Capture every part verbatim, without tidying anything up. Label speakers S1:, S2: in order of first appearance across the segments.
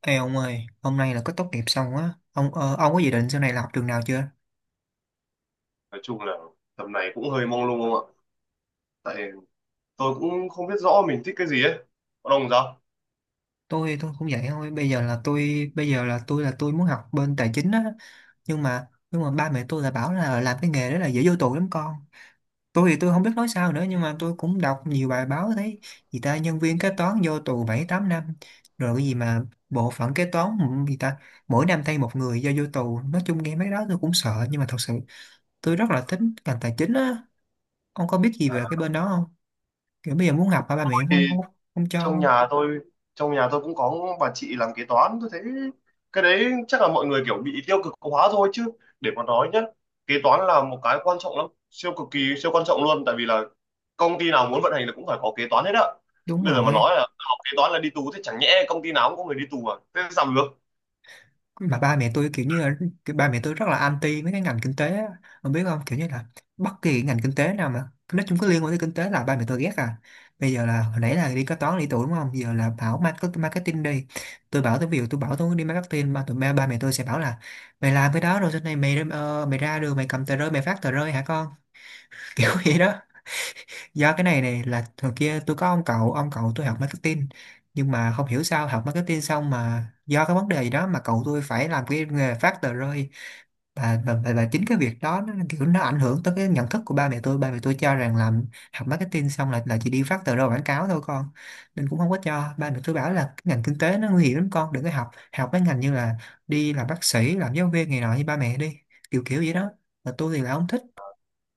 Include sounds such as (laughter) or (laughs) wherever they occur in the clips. S1: Ê ông ơi, hôm nay là có tốt nghiệp xong á, ông ờ, ông có dự định sau này là học trường nào chưa?
S2: Nói chung là tầm này cũng hơi mông lung không ạ. Tại tôi cũng không biết rõ mình thích cái gì ấy. Có đồng sao.
S1: Tôi tôi cũng vậy thôi, bây giờ là tôi, bây giờ là tôi, là tôi muốn học bên tài chính á, nhưng mà nhưng mà ba mẹ tôi là bảo là làm cái nghề đó là dễ vô tù lắm con. Tôi thì tôi không biết nói sao nữa, nhưng mà tôi cũng đọc nhiều bài báo thấy gì ta nhân viên kế toán vô tù bảy tám năm, rồi cái gì mà bộ phận kế toán, ừ, gì ta mỗi năm thay một người do vô tù. Nói chung nghe mấy cái đó tôi cũng sợ, nhưng mà thật sự tôi rất là thích ngành tài chính á. Ông có biết gì về
S2: À,
S1: cái bên đó, kiểu bây giờ muốn học mà ba mẹ cũng
S2: thì
S1: không không không
S2: trong
S1: cho.
S2: nhà tôi trong nhà tôi cũng có bà chị làm kế toán, tôi thấy cái đấy chắc là mọi người kiểu bị tiêu cực hóa thôi chứ. Để mà nói nhá, kế toán là một cái quan trọng lắm, siêu cực kỳ siêu quan trọng luôn, tại vì là công ty nào muốn vận hành là cũng phải có kế toán hết á.
S1: Đúng
S2: Bây giờ mà nói
S1: rồi,
S2: là học kế toán là đi tù thì chẳng nhẽ công ty nào cũng có người đi tù à, thế làm được.
S1: mà ba mẹ tôi kiểu như là, kiểu ba mẹ tôi rất là anti mấy cái ngành kinh tế á. Ông biết không, kiểu như là bất kỳ ngành kinh tế nào mà nói chung có liên quan tới kinh tế là ba mẹ tôi ghét à. Bây giờ là hồi nãy là đi kế toán lý tưởng đúng không, giờ là bảo market- marketing đi. Tôi bảo, tôi ví dụ tôi bảo tôi muốn đi marketing mà tụi ba, ba mẹ tôi sẽ bảo là mày làm cái đó rồi sau này mày ờ, mày ra đường mày cầm tờ rơi mày phát tờ rơi hả con. (laughs) Kiểu vậy đó, do cái này này là hồi kia tôi có ông cậu, ông cậu tôi học marketing, nhưng mà không hiểu sao học marketing xong mà do cái vấn đề gì đó mà cậu tôi phải làm cái nghề phát tờ rơi. Và, và, và, và chính cái việc đó nó kiểu nó ảnh hưởng tới cái nhận thức của ba mẹ tôi, ba mẹ tôi cho rằng làm, học marketing xong là là chỉ đi phát tờ rơi quảng cáo thôi con. Nên cũng không có cho, ba mẹ tôi bảo là cái ngành kinh tế nó nguy hiểm lắm con, đừng có học, học mấy ngành như là đi làm bác sĩ, làm giáo viên này nọ như ba mẹ đi, kiểu kiểu vậy đó, mà tôi thì là không thích.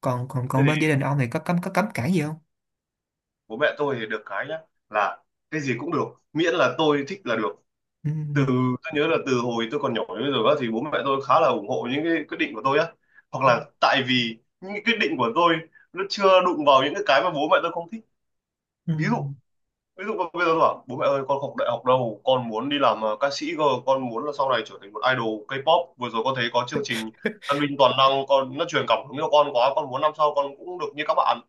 S1: còn còn
S2: Thế
S1: còn bên gia đình ông thì có cấm, có cấm cản gì không?
S2: bố mẹ tôi thì được cái nhá, là cái gì cũng được, miễn là tôi thích là được.
S1: Ừ.
S2: Từ tôi nhớ là từ hồi tôi còn nhỏ đến bây giờ á, thì bố mẹ tôi khá là ủng hộ những cái quyết định của tôi á, hoặc
S1: Ừ.
S2: là tại vì những cái quyết định của tôi nó chưa đụng vào những cái cái mà bố mẹ tôi không thích. Ví dụ ví dụ mà bây giờ tôi bảo bố mẹ ơi, con không học đại học đâu, con muốn đi làm ờ, ca sĩ cơ, con muốn là sau này trở thành một idol K-pop. Vừa rồi con thấy có chương trình Tân binh toàn năng, con nó truyền cảm hứng cho con quá, con muốn năm sau con cũng được như các bạn,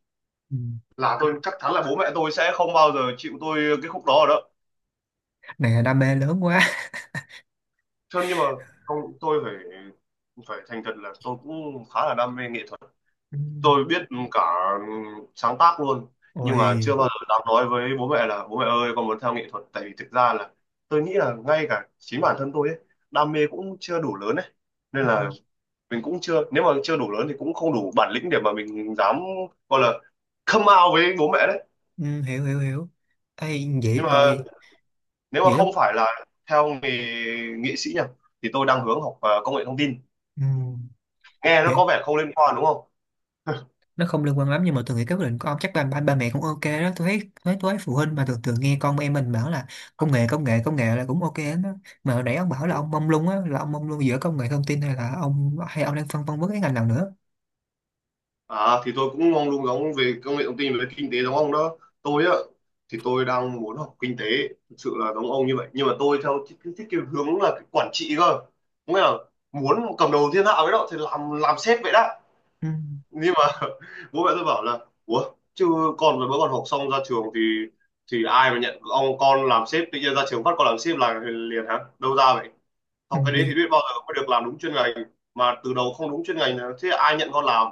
S1: Ừ.
S2: là tôi chắc chắn là bố mẹ tôi sẽ không bao giờ chịu tôi cái khúc đó rồi đó.
S1: Này là đam mê lớn quá.
S2: Cho nhưng mà không, tôi phải phải thành thật là tôi cũng khá là đam mê nghệ thuật.
S1: Ừ.
S2: Tôi biết cả sáng tác luôn. Nhưng mà chưa
S1: Ôi.
S2: bao giờ dám nói với bố mẹ là bố mẹ ơi, con muốn theo nghệ thuật, tại vì thực ra là tôi nghĩ là ngay cả chính bản thân tôi ấy, đam mê cũng chưa đủ lớn ấy, nên
S1: Ừ.
S2: là mình cũng chưa, nếu mà chưa đủ lớn thì cũng không đủ bản lĩnh để mà mình dám gọi là come out với bố mẹ đấy.
S1: Ừ, hiểu hiểu hiểu. Ê, vậy
S2: Nhưng mà
S1: ơi,
S2: nếu mà
S1: vậy
S2: không
S1: lúc,
S2: phải là theo nghề nghệ sĩ nhỉ, thì tôi đang hướng học ờ, công nghệ thông tin.
S1: ừ,
S2: Nghe nó có
S1: vậy
S2: vẻ không liên quan đúng không?
S1: nó không liên quan lắm, nhưng mà tôi nghĩ cái quyết định của ông chắc ba, ba, ba mẹ cũng ok đó. Tôi thấy, thấy tôi thấy phụ huynh mà thường thường nghe con em mình bảo là công nghệ, công nghệ, công nghệ là cũng ok lắm đó. Mà hồi nãy ông bảo là
S2: Đúng
S1: ông
S2: không?
S1: mông lung á, là ông mông lung giữa công nghệ thông tin hay là ông, hay ông đang phân vân với cái ngành nào nữa.
S2: À thì tôi cũng mong đúng, giống về công nghệ thông tin, về kinh tế giống ông đó. Tôi á, thì tôi đang muốn học kinh tế, thực sự là giống ông như vậy, nhưng mà tôi theo thích, thích, cái hướng là cái quản trị cơ, nghĩa là muốn cầm đầu thiên hạ với đó, thì làm làm sếp vậy đó.
S1: Ừ.
S2: Nhưng mà (laughs) bố mẹ tôi bảo là ủa chứ con mới còn học xong ra trường thì thì ai mà nhận ông con làm sếp, tự nhiên ra trường phát con làm sếp là liền hả, đâu ra vậy,
S1: Ừ.
S2: học cái đấy thì biết bao giờ mới được làm đúng chuyên ngành, mà từ đầu không đúng chuyên ngành là thế ai nhận con làm.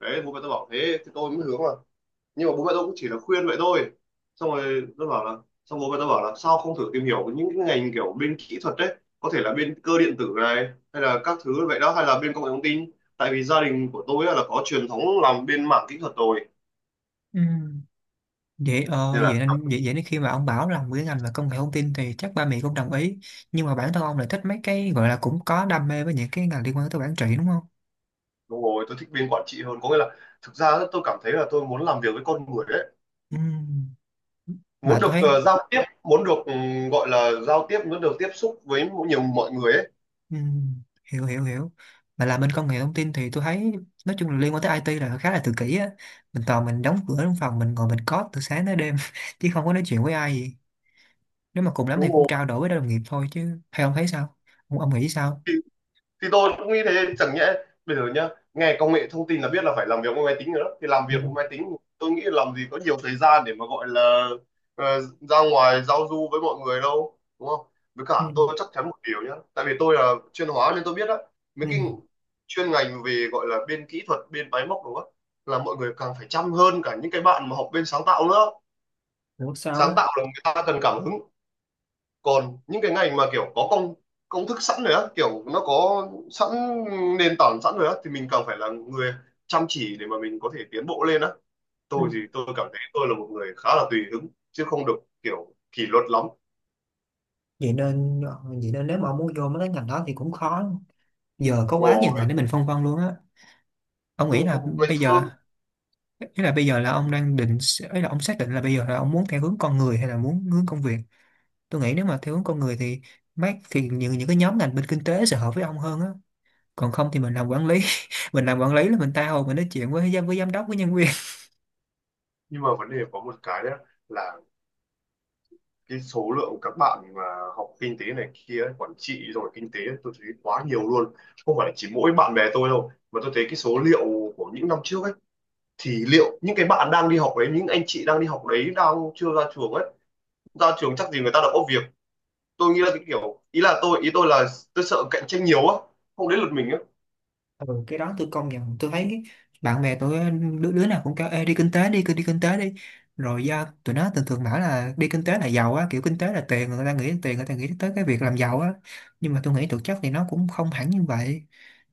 S2: Đấy bố mẹ tôi bảo thế thì tôi mới hướng là, nhưng mà bố mẹ tôi cũng chỉ là khuyên vậy thôi. Xong rồi tôi bảo là, xong bố mẹ tôi bảo là sao không thử tìm hiểu những cái ngành kiểu bên kỹ thuật đấy, có thể là bên cơ điện tử này hay là các thứ vậy đó, hay là bên công nghệ thông tin, tại vì gia đình của tôi á là có truyền thống làm bên mảng kỹ thuật rồi,
S1: Ừ. Vậy ờ,
S2: nên là.
S1: vậy nên vậy, vậy nên khi mà ông bảo làm cái ngành về công nghệ thông tin thì chắc ba mẹ cũng đồng ý, nhưng mà bản thân ông lại thích mấy cái gọi là cũng có đam mê với những cái ngành liên quan tới quản trị đúng không?
S2: Đúng rồi, tôi thích bên quản trị hơn, có nghĩa là thực ra á, tôi cảm thấy là tôi muốn làm việc với con người đấy,
S1: Ừm.
S2: muốn
S1: Mà tôi
S2: được
S1: thấy,
S2: ờ, giao tiếp, muốn được ừ, gọi là giao tiếp, muốn được tiếp xúc với nhiều mọi người ấy.
S1: ừm, hiểu hiểu hiểu, mà làm bên công nghệ thông tin thì tôi thấy nói chung là liên quan tới i tê là khá là tự kỷ á, mình toàn mình đóng cửa trong phòng mình ngồi mình code từ sáng tới đêm, (laughs) chứ không có nói chuyện với ai gì. Nếu mà cùng lắm thì
S2: Đúng
S1: cũng
S2: rồi,
S1: trao đổi với đồng nghiệp thôi, chứ hay ông thấy sao, ông, ông nghĩ sao?
S2: thì tôi cũng nghĩ thế, chẳng nhẽ bây giờ nhá, nghe công nghệ thông tin là biết là phải làm việc với máy tính rồi đó, thì làm
S1: Ừ.
S2: việc với máy tính tôi nghĩ làm gì có nhiều thời gian để mà gọi là ờ, ra ngoài giao du với mọi người đâu đúng không. Với
S1: Ừ.
S2: cả tôi chắc chắn một điều nhá, tại vì tôi là chuyên hóa nên tôi biết đó, mấy
S1: Ừ.
S2: cái chuyên ngành về gọi là bên kỹ thuật bên máy móc đúng không, là mọi người càng phải chăm hơn cả những cái bạn mà học bên sáng tạo nữa.
S1: Hiểu sao
S2: Sáng
S1: á.
S2: tạo là người ta cần cảm hứng, còn những cái ngành mà kiểu có công công thức sẵn rồi á, kiểu nó có sẵn nền tảng sẵn rồi á, thì mình càng phải là người chăm chỉ để mà mình có thể tiến bộ lên á. Tôi thì
S1: Ừ.
S2: tôi cảm thấy tôi là một người khá là tùy hứng chứ không được kiểu kỷ luật lắm.
S1: Vậy nên ờ, vậy nên nếu mà ông muốn vô mấy cái ngành đó thì cũng khó, giờ có quá nhiều
S2: Ngồi
S1: ngành để mình phân vân luôn á. Ông
S2: ừ,
S1: nghĩ là
S2: ngày
S1: bây
S2: xưa.
S1: giờ, ý là bây giờ là ông đang định, ý là ông xác định là bây giờ là ông muốn theo hướng con người hay là muốn hướng công việc. Tôi nghĩ nếu mà theo hướng con người thì mát, thì những những cái nhóm ngành bên kinh tế sẽ hợp với ông hơn á. Còn không thì mình làm quản lý, (laughs) mình làm quản lý là mình tha hồ mình nói chuyện với giám, với giám đốc, với nhân viên.
S2: Nhưng mà vấn đề có một cái đấy, là cái số lượng các bạn mà học kinh tế này kia ấy, quản trị rồi kinh tế ấy, tôi thấy quá nhiều luôn, không phải chỉ mỗi bạn bè tôi đâu mà tôi thấy cái số liệu của những năm trước ấy, thì liệu những cái bạn đang đi học đấy, những anh chị đang đi học đấy, đang chưa ra trường ấy, ra trường chắc gì người ta đã có việc. Tôi nghĩ là cái kiểu, ý là tôi, ý tôi là tôi sợ cạnh tranh nhiều á, không đến lượt mình á.
S1: Ừ, cái đó tôi công nhận, tôi thấy bạn bè tôi đứa, đứa nào cũng kêu ê, đi kinh tế đi, cứ đi kinh tế đi, rồi do tụi nó thường thường bảo là đi kinh tế là giàu á, kiểu kinh tế là tiền, người ta nghĩ đến tiền, người ta nghĩ tới cái việc làm giàu á, nhưng mà tôi nghĩ thực chất thì nó cũng không hẳn như vậy.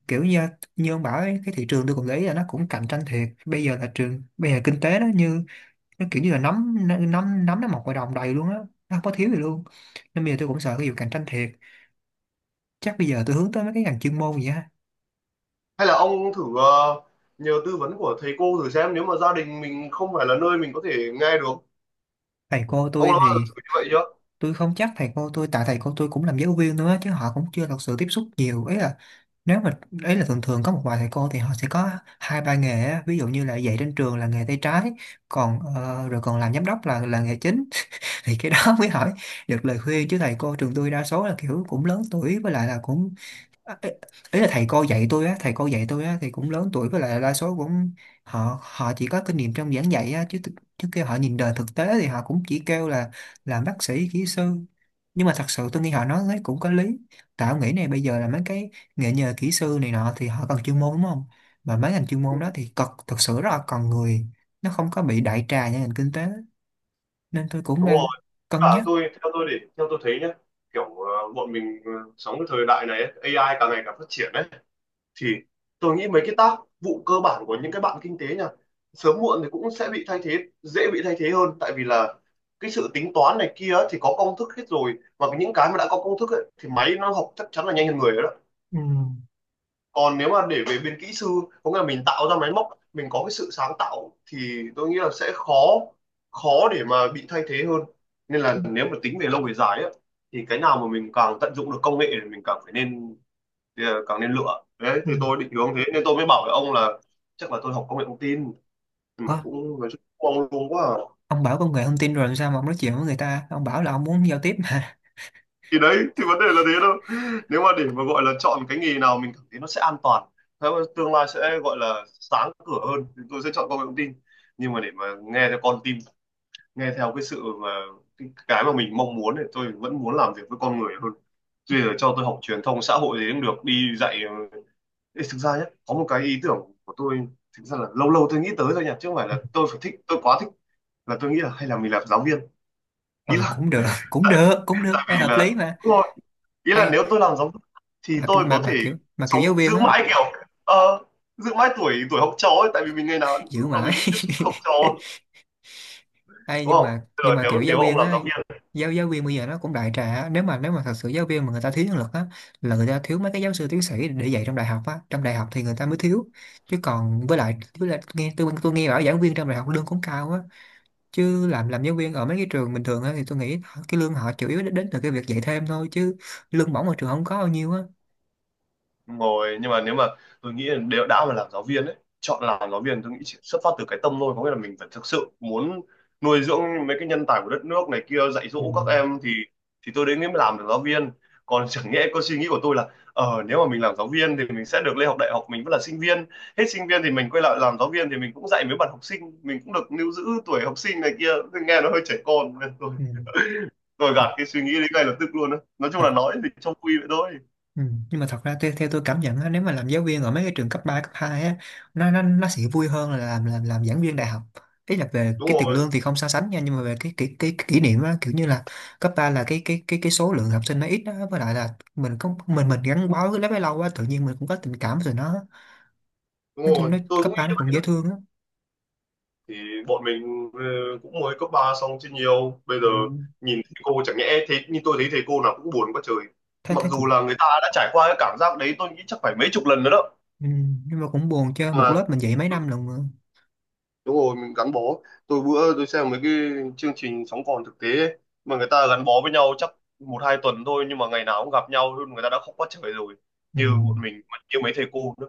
S1: Kiểu như như ông bảo ấy, cái thị trường tôi cũng để ý là nó cũng cạnh tranh thiệt, bây giờ là trường, bây giờ kinh tế nó như, nó kiểu như là nắm, nắm nắm nó mọc ngoài đồng đầy luôn á, nó không có thiếu gì luôn. Nên bây giờ tôi cũng sợ cái vụ cạnh tranh thiệt, chắc bây giờ tôi hướng tới mấy cái ngành chuyên môn vậy á.
S2: Hay là ông thử ờ, nhờ tư vấn của thầy cô thử xem, nếu mà gia đình mình không phải là nơi mình có thể nghe được.
S1: Thầy cô
S2: Ông đã
S1: tôi
S2: bao giờ
S1: thì,
S2: thử như vậy chưa?
S1: tôi không chắc thầy cô tôi, tại thầy cô tôi cũng làm giáo viên nữa chứ, họ cũng chưa thật sự tiếp xúc nhiều ấy, là nếu mà, ấy là thường thường có một vài thầy cô thì họ sẽ có hai ba nghề á. Ví dụ như là dạy trên trường là nghề tay trái, còn ờ, rồi còn làm giám đốc là là nghề chính, (laughs) thì cái đó mới hỏi được lời khuyên, chứ thầy cô trường tôi đa số là kiểu cũng lớn tuổi, với lại là cũng, ê, ý là thầy cô dạy tôi á, thầy cô dạy tôi á thì cũng lớn tuổi với lại đa số cũng, họ họ chỉ có kinh nghiệm trong giảng dạy á, chứ thực-, chứ kêu họ nhìn đời thực tế thì họ cũng chỉ kêu là làm bác sĩ, kỹ sư. Nhưng mà thật sự tôi nghĩ họ nói ấy cũng có lý, tạo nghĩ này, bây giờ là mấy cái nghề nhờ kỹ sư này nọ thì họ cần chuyên môn đúng không, mà mấy ngành chuyên môn đó thì cực, thật sự rất là cần người, nó không có bị đại trà như ngành kinh tế, nên tôi cũng
S2: Đúng
S1: đang
S2: rồi,
S1: cân
S2: cả
S1: nhắc.
S2: tôi theo tôi để theo tôi thấy nhá, kiểu ờ, bọn mình ờ, sống cái thời đại này ấy, a i càng ngày càng phát triển ấy. Thì tôi nghĩ mấy cái tác vụ cơ bản của những cái bạn kinh tế nha, sớm muộn thì cũng sẽ bị thay thế, dễ bị thay thế hơn tại vì là cái sự tính toán này kia ấy, thì có công thức hết rồi, và những cái mà đã có công thức ấy, thì máy nó học chắc chắn là nhanh hơn người đó.
S1: Ừ.
S2: Còn nếu mà để về bên kỹ sư, có nghĩa là mình tạo ra máy móc, mình có cái sự sáng tạo thì tôi nghĩ là sẽ khó khó để mà bị thay thế hơn. Nên là nếu mà tính về lâu về dài ấy, thì cái nào mà mình càng tận dụng được công nghệ thì mình càng phải nên, thì ờ, càng nên lựa đấy, thì tôi định hướng thế nên tôi mới bảo với ông là chắc là tôi học công nghệ thông tin, nhưng mà
S1: Ừ.
S2: cũng nói chung cũng mong luôn quá à.
S1: Ông bảo công nghệ thông tin rồi làm sao mà ông nói chuyện với người ta, ông bảo là ông muốn giao tiếp mà.
S2: Thì đấy thì vấn đề là thế đâu, nếu mà để mà gọi là chọn cái nghề nào mình cảm thấy nó sẽ an toàn, thế mà tương lai sẽ gọi là sáng cửa hơn thì tôi sẽ chọn công nghệ thông tin. Nhưng mà để mà nghe theo con tim, nghe theo cái sự mà cái cái mà mình mong muốn thì tôi vẫn muốn làm việc với con người hơn. Tuy là cho tôi học truyền thông xã hội gì cũng được, đi dạy. ờ, Ê, thực ra nhé có một cái ý tưởng của tôi, thực ra là lâu lâu tôi nghĩ tới thôi nhỉ, chứ không phải là tôi phải thích, tôi quá thích, là tôi nghĩ là hay là mình làm giáo viên.
S1: (laughs)
S2: Ý
S1: Ừ,
S2: là
S1: cũng được, cũng
S2: tại
S1: được, cũng được,
S2: tại
S1: ê,
S2: vì
S1: hợp
S2: là
S1: lý mà.
S2: đúng rồi, ý là
S1: Ê,
S2: nếu tôi làm giáo viên thì
S1: mà
S2: tôi
S1: mà
S2: có thể
S1: mà kiểu, mà kiểu giáo
S2: sống,
S1: viên
S2: giữ
S1: á,
S2: mãi kiểu ờ, giữ mãi tuổi tuổi học trò ấy, tại vì mình ngày nào
S1: giữ
S2: lúc nào
S1: mãi,
S2: mình cũng tiếp xúc với học
S1: (laughs)
S2: trò
S1: ê,
S2: đúng
S1: nhưng
S2: không.
S1: mà
S2: Bây
S1: nhưng
S2: giờ
S1: mà
S2: nếu
S1: kiểu giáo
S2: nếu ông
S1: viên
S2: làm
S1: á,
S2: giáo viên.
S1: giáo giáo viên bây giờ nó cũng đại trà á. Nếu mà, nếu mà thật sự giáo viên mà người ta thiếu nhân lực á, là người ta thiếu mấy cái giáo sư tiến sĩ để dạy trong đại học á, trong đại học thì người ta mới thiếu. Chứ còn, với lại với lại nghe tôi tôi nghe bảo giảng viên trong đại học lương cũng cao á, chứ làm làm giáo viên ở mấy cái trường bình thường á thì tôi nghĩ cái lương họ chủ yếu đến, đến từ cái việc dạy thêm thôi, chứ lương bổng ở trường không có bao nhiêu á.
S2: Đúng rồi, nhưng mà nếu mà tôi nghĩ là đều đã mà làm giáo viên ấy, chọn làm giáo viên tôi nghĩ chỉ xuất phát từ cái tâm thôi, có nghĩa là mình phải thực sự muốn nuôi dưỡng mấy cái nhân tài của đất nước này kia, dạy
S1: Ừ.
S2: dỗ các em thì thì tôi đến mới làm được giáo viên. Còn (laughs) chẳng nhẽ có suy nghĩ của tôi là ờ nếu mà mình làm giáo viên thì mình sẽ được lên học đại học, mình vẫn là sinh viên, hết sinh viên thì mình quay lại làm giáo viên, thì mình cũng dạy mấy bạn học sinh, mình cũng được lưu giữ tuổi học sinh này kia. Tôi nghe nó hơi trẻ con nên tôi
S1: Ừ.
S2: (laughs) tôi gạt
S1: Thật,
S2: cái suy nghĩ đấy ngay lập tức luôn á, nói chung
S1: thật.
S2: là nói thì trong quy vậy thôi.
S1: Ừ. Nhưng mà thật ra theo, theo tôi cảm nhận á, nếu mà làm giáo viên ở mấy cái trường cấp ba, cấp hai á, nó nó nó sẽ vui hơn là làm làm làm giảng viên đại học. Ý là về
S2: Đúng
S1: cái tiền
S2: rồi.
S1: lương thì không so sánh nha, nhưng mà về cái cái cái, cái kỷ niệm á, kiểu như là cấp ba là cái cái cái cái số lượng học sinh nó ít đó, với lại là mình có mình mình gắn bó cái lớp ấy lâu quá tự nhiên mình cũng có tình cảm rồi nó,
S2: Đúng
S1: nói chung
S2: rồi,
S1: nó
S2: tôi
S1: cấp
S2: cũng nghĩ
S1: ba nó
S2: như vậy
S1: cũng dễ
S2: đó.
S1: thương á.
S2: Thì bọn mình ờ, cũng mới cấp ba xong chứ nhiều. Bây giờ
S1: Ừ.
S2: nhìn thầy cô chẳng nhẽ thế, nhưng tôi thấy thầy cô nào cũng buồn quá trời.
S1: Thế
S2: Mặc
S1: thế cũng,
S2: dù là người ta đã trải qua cái cảm giác đấy tôi nghĩ chắc phải mấy chục lần nữa đó.
S1: ừ, nhưng mà cũng buồn chứ,
S2: Nhưng
S1: một
S2: mà
S1: lớp mình dạy mấy năm lần mà.
S2: đúng rồi, mình gắn bó, tôi bữa tôi xem mấy cái chương trình sống còn thực tế ấy, mà người ta gắn bó với nhau chắc một hai tuần thôi, nhưng mà ngày nào cũng gặp nhau luôn, người ta đã khóc quá trời rồi,
S1: Ừ.
S2: như bọn mình mà như mấy thầy cô nữa.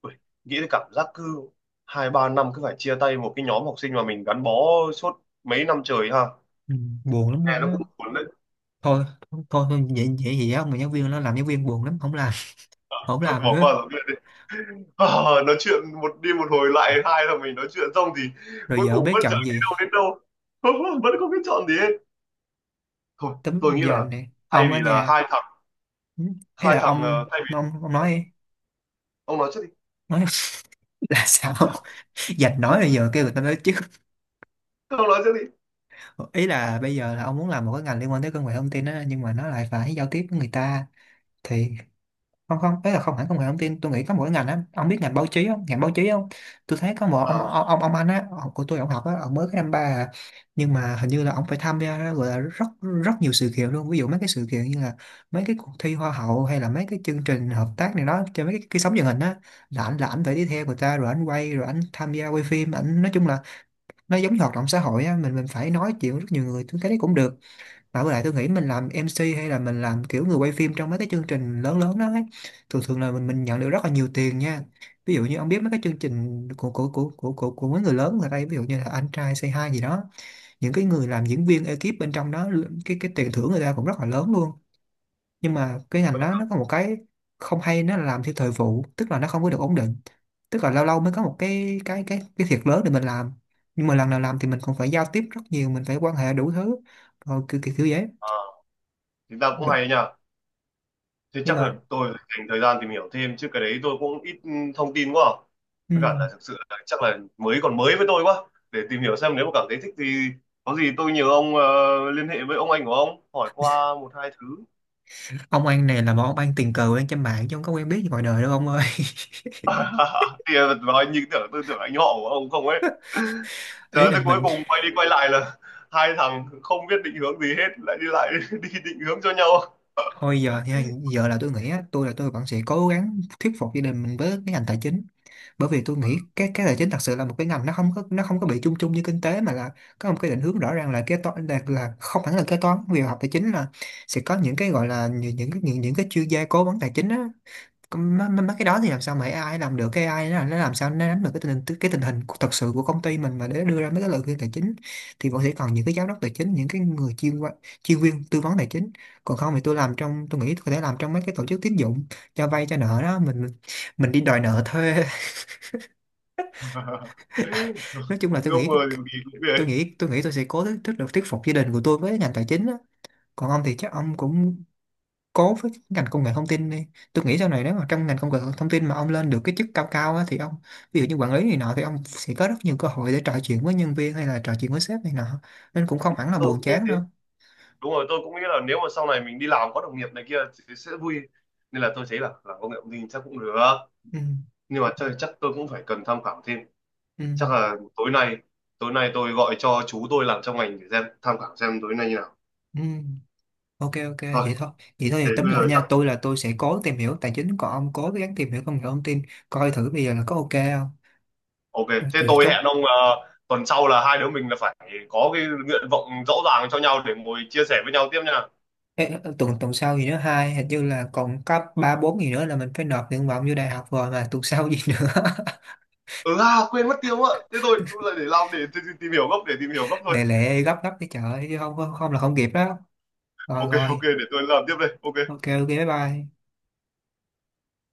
S2: Ui, nghĩ đến cảm giác cứ hai ba năm cứ phải chia tay một cái nhóm học sinh mà mình gắn bó suốt mấy năm trời ha,
S1: Ừ. Buồn lắm
S2: nghe
S1: luôn
S2: nó
S1: á.
S2: cũng buồn đấy.
S1: Thôi thôi thôi, vậy vậy gì á, mà giáo viên nó, làm giáo viên buồn lắm, không làm,
S2: (laughs)
S1: không
S2: Thôi
S1: làm
S2: bỏ
S1: nữa.
S2: qua rồi đi. À, nói chuyện một đi một hồi lại hai là mình nói chuyện xong thì
S1: Rồi
S2: cuối
S1: giờ không
S2: cùng
S1: biết
S2: vẫn chẳng
S1: chọn
S2: đi
S1: gì,
S2: đâu đến đâu. (laughs) Vẫn không biết chọn gì hết. Thôi
S1: tấm
S2: tôi nghĩ
S1: giờ
S2: là
S1: này
S2: thay
S1: ông ở
S2: vì là
S1: nhà,
S2: hai thằng,
S1: ừ, ấy
S2: hai
S1: là
S2: thằng
S1: ông,
S2: ờ, thay vì.
S1: ông ông
S2: Hả?
S1: nói đi.
S2: Ông nói trước đi.
S1: Nói (laughs) là sao dạch nói bây giờ
S2: (laughs)
S1: kêu người ta nói chứ.
S2: Ông nói trước đi.
S1: Ý là bây giờ là ông muốn làm một cái ngành liên quan tới công nghệ thông tin á, nhưng mà nó lại phải giao tiếp với người ta thì không không đấy là không hẳn công nghệ thông tin. Tôi nghĩ có mỗi ngành á, ông biết ngành báo chí không? Ngành báo chí không, tôi thấy có một ông
S2: À,
S1: ông ông, ông anh á, ông của tôi, ông học á, ông mới cái năm ba à. Nhưng mà hình như là ông phải tham gia, gọi là rất rất nhiều sự kiện luôn, ví dụ mấy cái sự kiện như là mấy cái cuộc thi hoa hậu hay là mấy cái chương trình hợp tác này đó cho mấy cái, cái sóng truyền hình á, là ảnh, là ảnh phải đi theo người ta, rồi ảnh quay, rồi ảnh tham gia quay phim ảnh, nói chung là nó giống như hoạt động xã hội á. Mình mình phải nói chuyện với rất nhiều người, tôi thấy đấy cũng được. Mà với lại tôi nghĩ mình làm em xê hay là mình làm kiểu người quay phim trong mấy cái chương trình lớn lớn đó ấy, thường thường là mình mình nhận được rất là nhiều tiền nha. Ví dụ như ông biết mấy cái chương trình của của của của của, của mấy người lớn ở đây, ví dụ như là Anh Trai Say Hi gì đó, những cái người làm diễn viên ekip bên trong đó, cái cái tiền thưởng người ta cũng rất là lớn luôn. Nhưng mà cái ngành
S2: vậy
S1: đó
S2: là-
S1: nó có một cái không hay, nó là làm theo thời vụ, tức là nó không có được ổn định. Tức là lâu lâu mới có một cái cái cái cái thiệt lớn để mình làm. Nhưng mà lần nào làm thì mình cũng phải giao tiếp rất nhiều, mình phải quan hệ đủ thứ. Rồi kiểu kiểu, kiểu vậy.
S2: à thì ta cũng hay nha, thế
S1: Nhưng
S2: chắc là
S1: mà
S2: tôi phải dành thời gian tìm hiểu thêm chứ, cái đấy tôi cũng ít ừ, thông tin quá à. Với cả là
S1: ừm,
S2: thực sự là chắc là mới còn mới với tôi quá, để tìm hiểu xem nếu mà cảm thấy thích thì có gì tôi nhờ ông ờ, liên hệ với ông anh của ông hỏi qua một hai thứ.
S1: ông An này là một ông An tình cờ quen trên mạng chứ không có quen biết gì ngoài đời đâu ông ơi.
S2: (laughs) Thì ờ, nói như tưởng, tôi tưởng anh họ của ông không ấy.
S1: (laughs) ý
S2: Trời,
S1: là
S2: tới cuối
S1: mình
S2: cùng quay đi quay lại là hai thằng không biết định hướng gì hết lại đi lại (laughs) đi định hướng cho nhau.
S1: thôi. Giờ thì giờ là tôi nghĩ á, tôi là tôi vẫn sẽ cố gắng thuyết phục gia đình mình với cái ngành tài chính, bởi vì tôi nghĩ cái cái tài chính thật sự là một cái ngành nó không có nó không có bị chung chung như kinh tế, mà là có một cái định hướng rõ ràng là kế toán là, là không hẳn là kế toán, vì học tài chính là sẽ có những cái gọi là những những những, những cái chuyên gia cố vấn tài chính á. Còn Mấy, mấy mấy cái đó thì làm sao mà a i làm được, cái a i nó nó làm sao nó nắm được cái tình hình cái tình hình của- thật sự của công ty mình mà để đưa ra mấy cái lời khuyên tài chính, thì vẫn sẽ còn những cái giám đốc tài chính, những cái người chuyên qua- chuyên viên tư vấn tài chính. Còn không thì tôi làm trong tôi nghĩ tôi có thể làm trong mấy cái tổ chức tín dụng cho vay cho nợ đó, mình mình đi đòi nợ thuê.
S2: (laughs)
S1: (laughs) nói chung là tôi
S2: Ước
S1: nghĩ
S2: mơ thì kỳ cũng
S1: tôi
S2: vậy.
S1: nghĩ tôi nghĩ tôi sẽ cố thuyết thuyết được thuyết phục gia đình của tôi với ngành tài chính á. Còn ông thì chắc ông cũng cố với ngành công nghệ thông tin đi. Tôi nghĩ sau này nếu mà trong ngành công nghệ thông tin mà ông lên được cái chức cao cao á, thì ông, ví dụ như quản lý này nọ, thì ông sẽ có rất nhiều cơ hội để trò chuyện với nhân viên hay là trò chuyện với sếp này nọ, nên cũng không hẳn là
S2: Tôi
S1: buồn
S2: cũng nghĩ
S1: chán
S2: thế.
S1: đâu.
S2: Đúng rồi, tôi cũng nghĩ là nếu mà sau này mình đi làm có đồng nghiệp này kia thì sẽ vui, nên là tôi thấy là làm công nghệ thông tin chắc cũng được.
S1: Ừ,
S2: Nhưng mà chắc, chắc, tôi cũng phải cần tham khảo thêm.
S1: ừ,
S2: Chắc là tối nay tối nay tôi gọi cho chú tôi làm trong ngành để xem tham khảo xem tối nay như nào.
S1: ừ. Ok ok,
S2: Thôi
S1: vậy thôi. Vậy thôi thì
S2: thế
S1: tóm
S2: bây
S1: lại
S2: giờ.
S1: nha, tôi là tôi sẽ cố tìm hiểu tài chính, còn ông cố gắng tìm hiểu công nghệ thông tin, coi thử bây giờ là có ok không.
S2: Ok,
S1: Rồi,
S2: thế
S1: rồi
S2: tôi
S1: chốt.
S2: hẹn ông ờ, tuần sau là hai đứa mình là phải có cái nguyện vọng rõ ràng cho nhau để ngồi chia sẻ với nhau tiếp nha.
S1: Ê, tuần tuần sau gì nữa, hai hình như là còn có ba bốn gì nữa là mình phải nộp nguyện vọng vô đại học rồi mà tuần sau gì nữa.
S2: Ừ à, quên mất tiêu ạ. Thế tôi cũng là để làm để, tìm tìm hiểu gấp để tìm hiểu gấp thôi.
S1: Lẹ lẹ gấp gấp cái chợ, chứ không không, không là không kịp đó. Rồi
S2: Ok ok
S1: rồi,
S2: để tôi làm tiếp đây. Ok.
S1: ok ok, bye bye.